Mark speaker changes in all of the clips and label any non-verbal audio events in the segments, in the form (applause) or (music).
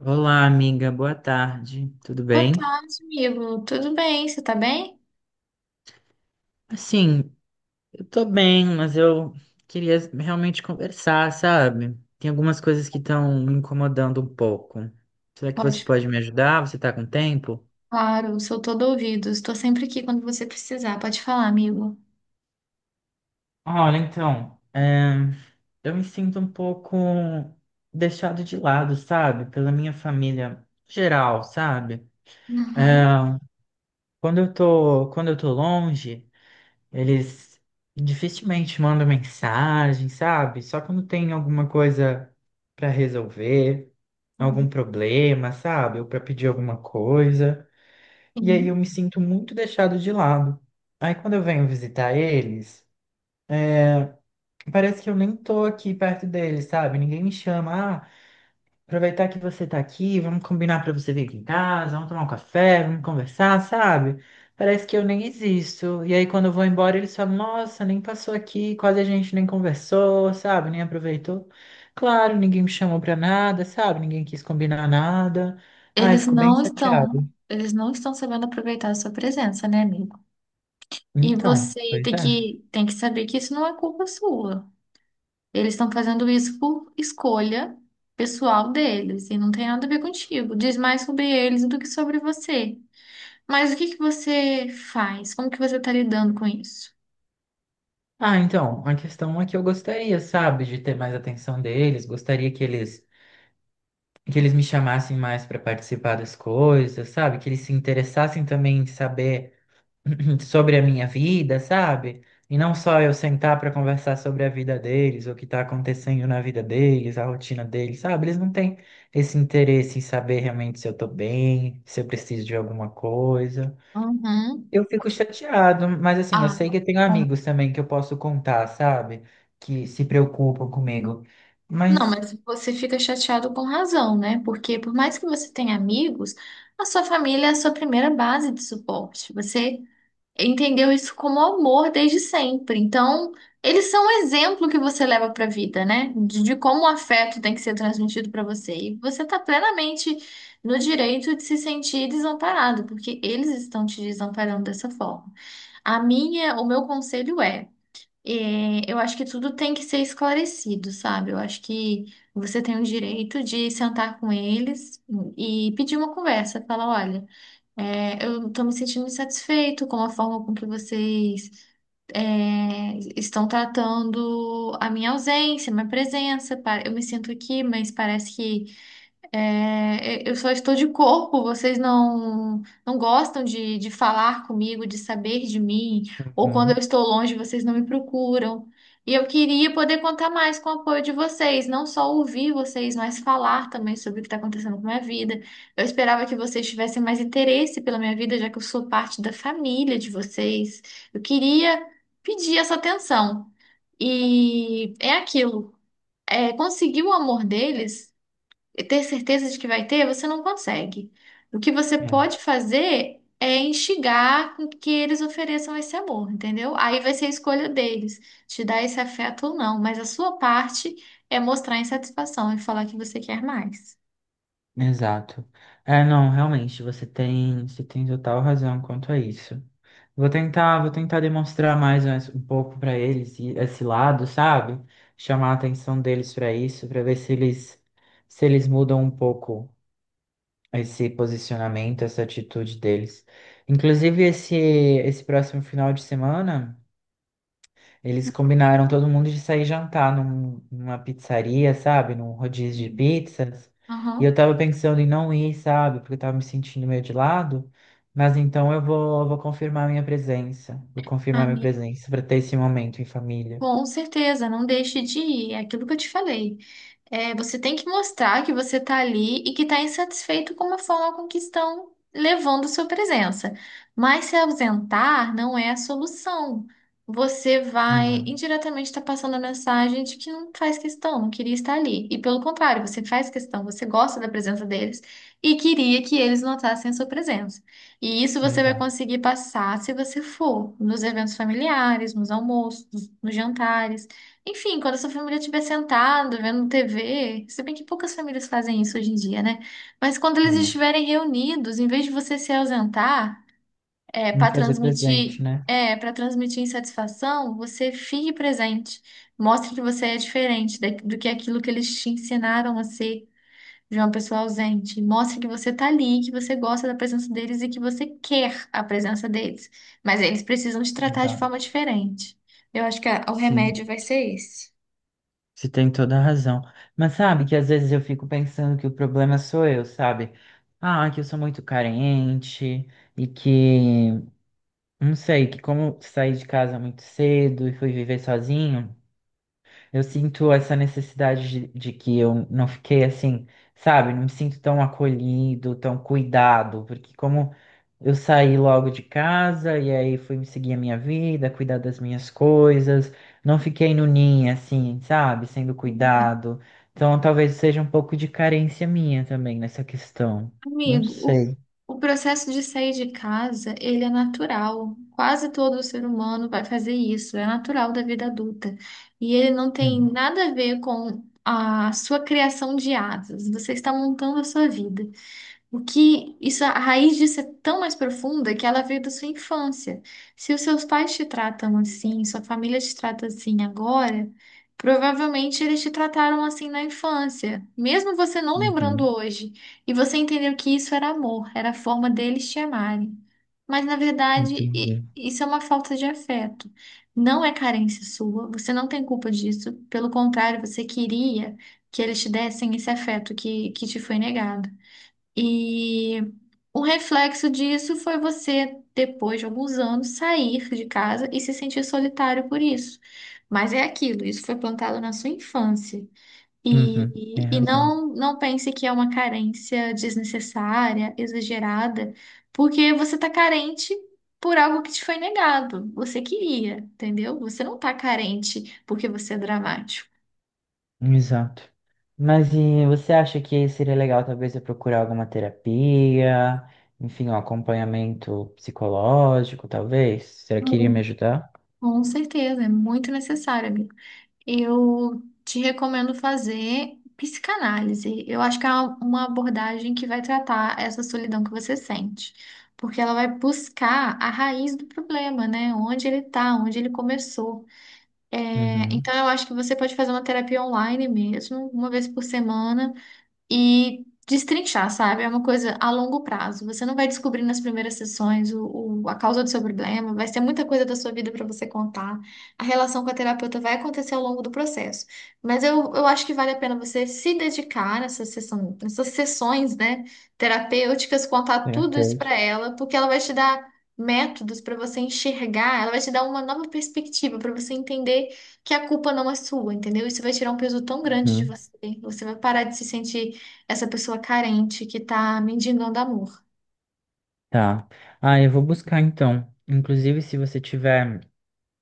Speaker 1: Olá, amiga, boa tarde, tudo
Speaker 2: Boa
Speaker 1: bem?
Speaker 2: tarde, amigo. Tudo bem? Você tá bem?
Speaker 1: Assim, eu tô bem, mas eu queria realmente conversar, sabe? Tem algumas coisas que estão me incomodando um pouco. Será que você
Speaker 2: Pode,
Speaker 1: pode me ajudar? Você tá com tempo?
Speaker 2: claro, sou todo ouvido. Estou sempre aqui quando você precisar. Pode falar, amigo.
Speaker 1: Olha, então, eu me sinto um pouco deixado de lado, sabe? Pela minha família geral, sabe?
Speaker 2: Uhum.
Speaker 1: É. Quando eu tô longe, eles dificilmente mandam mensagem, sabe? Só quando tem alguma coisa para resolver, algum problema, sabe? Ou para pedir alguma coisa. E aí eu
Speaker 2: Sim.
Speaker 1: me sinto muito deixado de lado. Aí quando eu venho visitar eles, parece que eu nem tô aqui perto deles, sabe? Ninguém me chama, "Ah, aproveitar que você tá aqui, vamos combinar pra você vir aqui em casa, vamos tomar um café, vamos conversar, sabe?" Parece que eu nem existo. E aí, quando eu vou embora, eles falam: "Nossa, nem passou aqui, quase a gente nem conversou, sabe? Nem aproveitou." Claro, ninguém me chamou pra nada, sabe? Ninguém quis combinar nada. Ai, eu
Speaker 2: Eles
Speaker 1: fico bem
Speaker 2: não estão,
Speaker 1: chateado.
Speaker 2: eles não estão sabendo aproveitar a sua presença, né, amigo? E
Speaker 1: Então,
Speaker 2: você
Speaker 1: pois
Speaker 2: tem
Speaker 1: é.
Speaker 2: que, tem que saber que isso não é culpa sua. Eles estão fazendo isso por escolha pessoal deles e não tem nada a ver contigo. Diz mais sobre eles do que sobre você. Mas o que que você faz? Como que você está lidando com isso?
Speaker 1: Ah, então, a questão é que eu gostaria, sabe, de ter mais atenção deles, gostaria que eles me chamassem mais para participar das coisas, sabe? Que eles se interessassem também em saber (laughs) (clears throat) sobre a minha vida, sabe? E não só eu sentar para conversar sobre a vida deles, o que está acontecendo na vida deles, a rotina deles, sabe? Eles não têm esse interesse em saber realmente se eu tô bem, se eu preciso de alguma coisa.
Speaker 2: Uhum.
Speaker 1: Eu fico chateado, mas assim, eu
Speaker 2: Ah,
Speaker 1: sei que eu tenho
Speaker 2: bom.
Speaker 1: amigos também que eu posso contar, sabe? Que se preocupam comigo.
Speaker 2: Não,
Speaker 1: Mas.
Speaker 2: mas você fica chateado com razão, né? Porque por mais que você tenha amigos, a sua família é a sua primeira base de suporte. Você entendeu isso como amor desde sempre. Então, eles são um exemplo que você leva para a vida, né? De como o afeto tem que ser transmitido para você. E você está plenamente no direito de se sentir desamparado, porque eles estão te desamparando dessa forma. O meu conselho é eu acho que tudo tem que ser esclarecido, sabe? Eu acho que você tem o direito de sentar com eles e pedir uma conversa, falar, olha, eu estou me sentindo insatisfeito com a forma com que vocês estão tratando a minha ausência, minha presença. Eu me sinto aqui, mas parece que eu só estou de corpo, vocês não gostam de falar comigo, de saber de mim, ou quando eu
Speaker 1: Uhum.
Speaker 2: estou longe, vocês não me procuram. E eu queria poder contar mais com o apoio de vocês, não só ouvir vocês, mas falar também sobre o que está acontecendo com a minha vida. Eu esperava que vocês tivessem mais interesse pela minha vida, já que eu sou parte da família de vocês. Eu queria pedir essa atenção. E é aquilo. Conseguir o amor deles ter certeza de que vai ter, você não consegue. O que você pode
Speaker 1: É.
Speaker 2: fazer é instigar com que eles ofereçam esse amor, entendeu? Aí vai ser a escolha deles, te dar esse afeto ou não, mas a sua parte é mostrar insatisfação e falar que você quer mais.
Speaker 1: Exato. É, não, realmente, você tem total razão quanto a isso. Vou tentar demonstrar mais um pouco para eles esse lado, sabe? Chamar a atenção deles para isso, para ver se eles mudam um pouco esse posicionamento, essa atitude deles. Inclusive esse próximo final de semana eles combinaram todo mundo de sair jantar numa pizzaria, sabe? Num rodízio de pizzas. E eu
Speaker 2: Aham.
Speaker 1: tava pensando em não ir, sabe? Porque eu tava me sentindo meio de lado. Mas então eu vou, vou confirmar minha presença. Vou confirmar minha
Speaker 2: Amigo,
Speaker 1: presença para ter esse momento em família.
Speaker 2: com certeza, não deixe de ir, é aquilo que eu te falei. Você tem que mostrar que você está ali e que está insatisfeito com a forma com que estão levando sua presença. Mas se ausentar não é a solução. Você vai
Speaker 1: Hum,
Speaker 2: indiretamente estar passando a mensagem de que não faz questão, não queria estar ali. E pelo contrário, você faz questão, você gosta da presença deles e queria que eles notassem a sua presença. E isso você vai
Speaker 1: exato.
Speaker 2: conseguir passar se você for nos eventos familiares, nos almoços, nos jantares. Enfim, quando a sua família estiver sentada, vendo TV, se bem que poucas famílias fazem isso hoje em dia, né? Mas quando eles
Speaker 1: Hum.
Speaker 2: estiverem reunidos, em vez de você se ausentar,
Speaker 1: Me fazer presente, né?
Speaker 2: para transmitir insatisfação, você fique presente. Mostre que você é diferente do que aquilo que eles te ensinaram a ser de uma pessoa ausente. Mostre que você tá ali, que você gosta da presença deles e que você quer a presença deles. Mas eles precisam te tratar de forma
Speaker 1: Exato.
Speaker 2: diferente. Eu acho que o
Speaker 1: Sim,
Speaker 2: remédio vai ser esse.
Speaker 1: você tem toda a razão. Mas sabe que às vezes eu fico pensando que o problema sou eu, sabe? Ah, que eu sou muito carente e que não sei, que como eu saí de casa muito cedo e fui viver sozinho, eu sinto essa necessidade de que eu não fiquei assim, sabe? Não me sinto tão acolhido, tão cuidado, porque como eu saí logo de casa e aí fui seguir a minha vida, cuidar das minhas coisas, não fiquei no ninho assim, sabe? Sendo
Speaker 2: Uhum.
Speaker 1: cuidado. Então talvez seja um pouco de carência minha também nessa questão. Não
Speaker 2: Amigo,
Speaker 1: sei.
Speaker 2: o processo de sair de casa, ele é natural. Quase todo ser humano vai fazer isso, é natural da vida adulta. E ele não tem
Speaker 1: Hum.
Speaker 2: nada a ver com a sua criação de asas. Você está montando a sua vida. O que isso, a raiz disso é tão mais profunda que ela veio da sua infância. Se os seus pais te tratam assim, sua família te trata assim agora, provavelmente eles te trataram assim na infância, mesmo você não lembrando
Speaker 1: Uhum,
Speaker 2: hoje. E você entendeu que isso era amor, era a forma deles te amarem. Mas na verdade,
Speaker 1: entendi.
Speaker 2: isso é uma falta de afeto. Não é carência sua, você não tem culpa disso. Pelo contrário, você queria que eles te dessem esse afeto que te foi negado. E o reflexo disso foi você, depois de alguns anos, sair de casa e se sentir solitário por isso. Mas é aquilo, isso foi plantado na sua infância.
Speaker 1: Uhum, tem
Speaker 2: E
Speaker 1: razão.
Speaker 2: não pense que é uma carência desnecessária, exagerada, porque você está carente por algo que te foi negado. Você queria, entendeu? Você não está carente porque você é dramático.
Speaker 1: Exato. Mas e você acha que seria legal talvez eu procurar alguma terapia, enfim, um acompanhamento psicológico, talvez? Será que iria me
Speaker 2: Mu-
Speaker 1: ajudar?
Speaker 2: Com certeza, é muito necessário, amiga. Eu te recomendo fazer psicanálise. Eu acho que é uma abordagem que vai tratar essa solidão que você sente, porque ela vai buscar a raiz do problema, né? Onde ele tá, onde ele começou. É,
Speaker 1: Uhum.
Speaker 2: então, eu acho que você pode fazer uma terapia online mesmo, uma vez por semana e destrinchar, sabe? É uma coisa a longo prazo. Você não vai descobrir nas primeiras sessões o, a causa do seu problema, vai ser muita coisa da sua vida para você contar. A relação com a terapeuta vai acontecer ao longo do processo. Mas eu acho que vale a pena você se dedicar nessa sessão, nessas sessões, né, terapêuticas, contar tudo isso para
Speaker 1: Terapêutica.
Speaker 2: ela, porque ela vai te dar métodos para você enxergar, ela vai te dar uma nova perspectiva para você entender que a culpa não é sua, entendeu? Isso vai tirar um peso tão grande de
Speaker 1: Uhum.
Speaker 2: você. Você vai parar de se sentir essa pessoa carente que tá mendigando amor.
Speaker 1: Tá. Ah, eu vou buscar então. Inclusive, se você tiver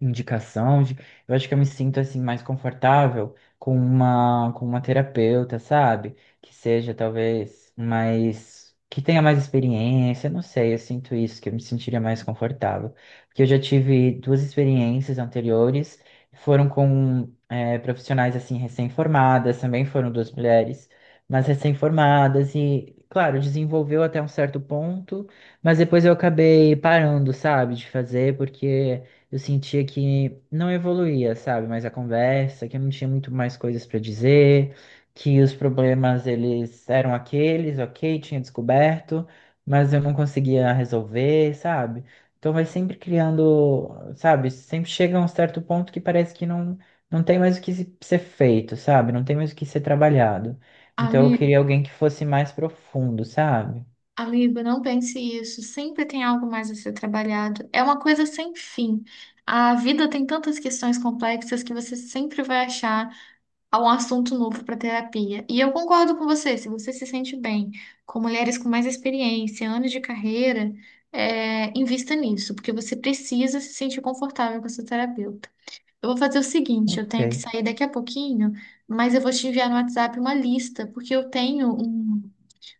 Speaker 1: indicação de, eu acho que eu me sinto assim mais confortável com uma terapeuta, sabe? Que seja talvez mais que tenha mais experiência, não sei, eu sinto isso, que eu me sentiria mais confortável. Porque eu já tive duas experiências anteriores, foram com profissionais assim recém-formadas, também foram duas mulheres, mas recém-formadas e claro, desenvolveu até um certo ponto, mas depois eu acabei parando, sabe, de fazer, porque eu sentia que não evoluía, sabe? Mas a conversa, que eu não tinha muito mais coisas para dizer, que os problemas eles eram aqueles, ok, tinha descoberto, mas eu não conseguia resolver, sabe? Então vai sempre criando, sabe? Sempre chega a um certo ponto que parece que não, não tem mais o que ser feito, sabe? Não tem mais o que ser trabalhado. Então eu
Speaker 2: Amigo,
Speaker 1: queria alguém que fosse mais profundo, sabe?
Speaker 2: amigo, não pense isso. Sempre tem algo mais a ser trabalhado. É uma coisa sem fim. A vida tem tantas questões complexas que você sempre vai achar um assunto novo para terapia. E eu concordo com você se sente bem com mulheres com mais experiência, anos de carreira, invista nisso, porque você precisa se sentir confortável com a sua terapeuta. Eu vou fazer o seguinte, eu
Speaker 1: Ok.
Speaker 2: tenho que sair daqui a pouquinho, mas eu vou te enviar no WhatsApp uma lista, porque eu tenho um,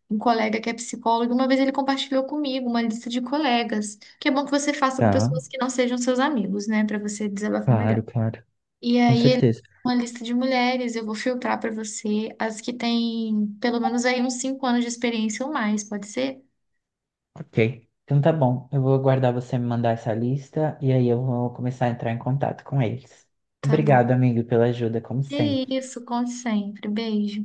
Speaker 2: um colega que é psicólogo, uma vez ele compartilhou comigo uma lista de colegas, que é bom que você faça com
Speaker 1: Tá,
Speaker 2: pessoas que não sejam seus amigos, né, para você desabafar melhor.
Speaker 1: claro, claro.
Speaker 2: E
Speaker 1: Com
Speaker 2: aí ele
Speaker 1: certeza.
Speaker 2: uma lista de mulheres, eu vou filtrar para você as que têm pelo menos aí uns 5 anos de experiência ou mais, pode ser?
Speaker 1: Ok. Então tá bom. Eu vou aguardar você me mandar essa lista e aí eu vou começar a entrar em contato com eles.
Speaker 2: Tá bom.
Speaker 1: Obrigado, amigo, pela ajuda, como
Speaker 2: Que
Speaker 1: sempre.
Speaker 2: isso, conte sempre. Beijo.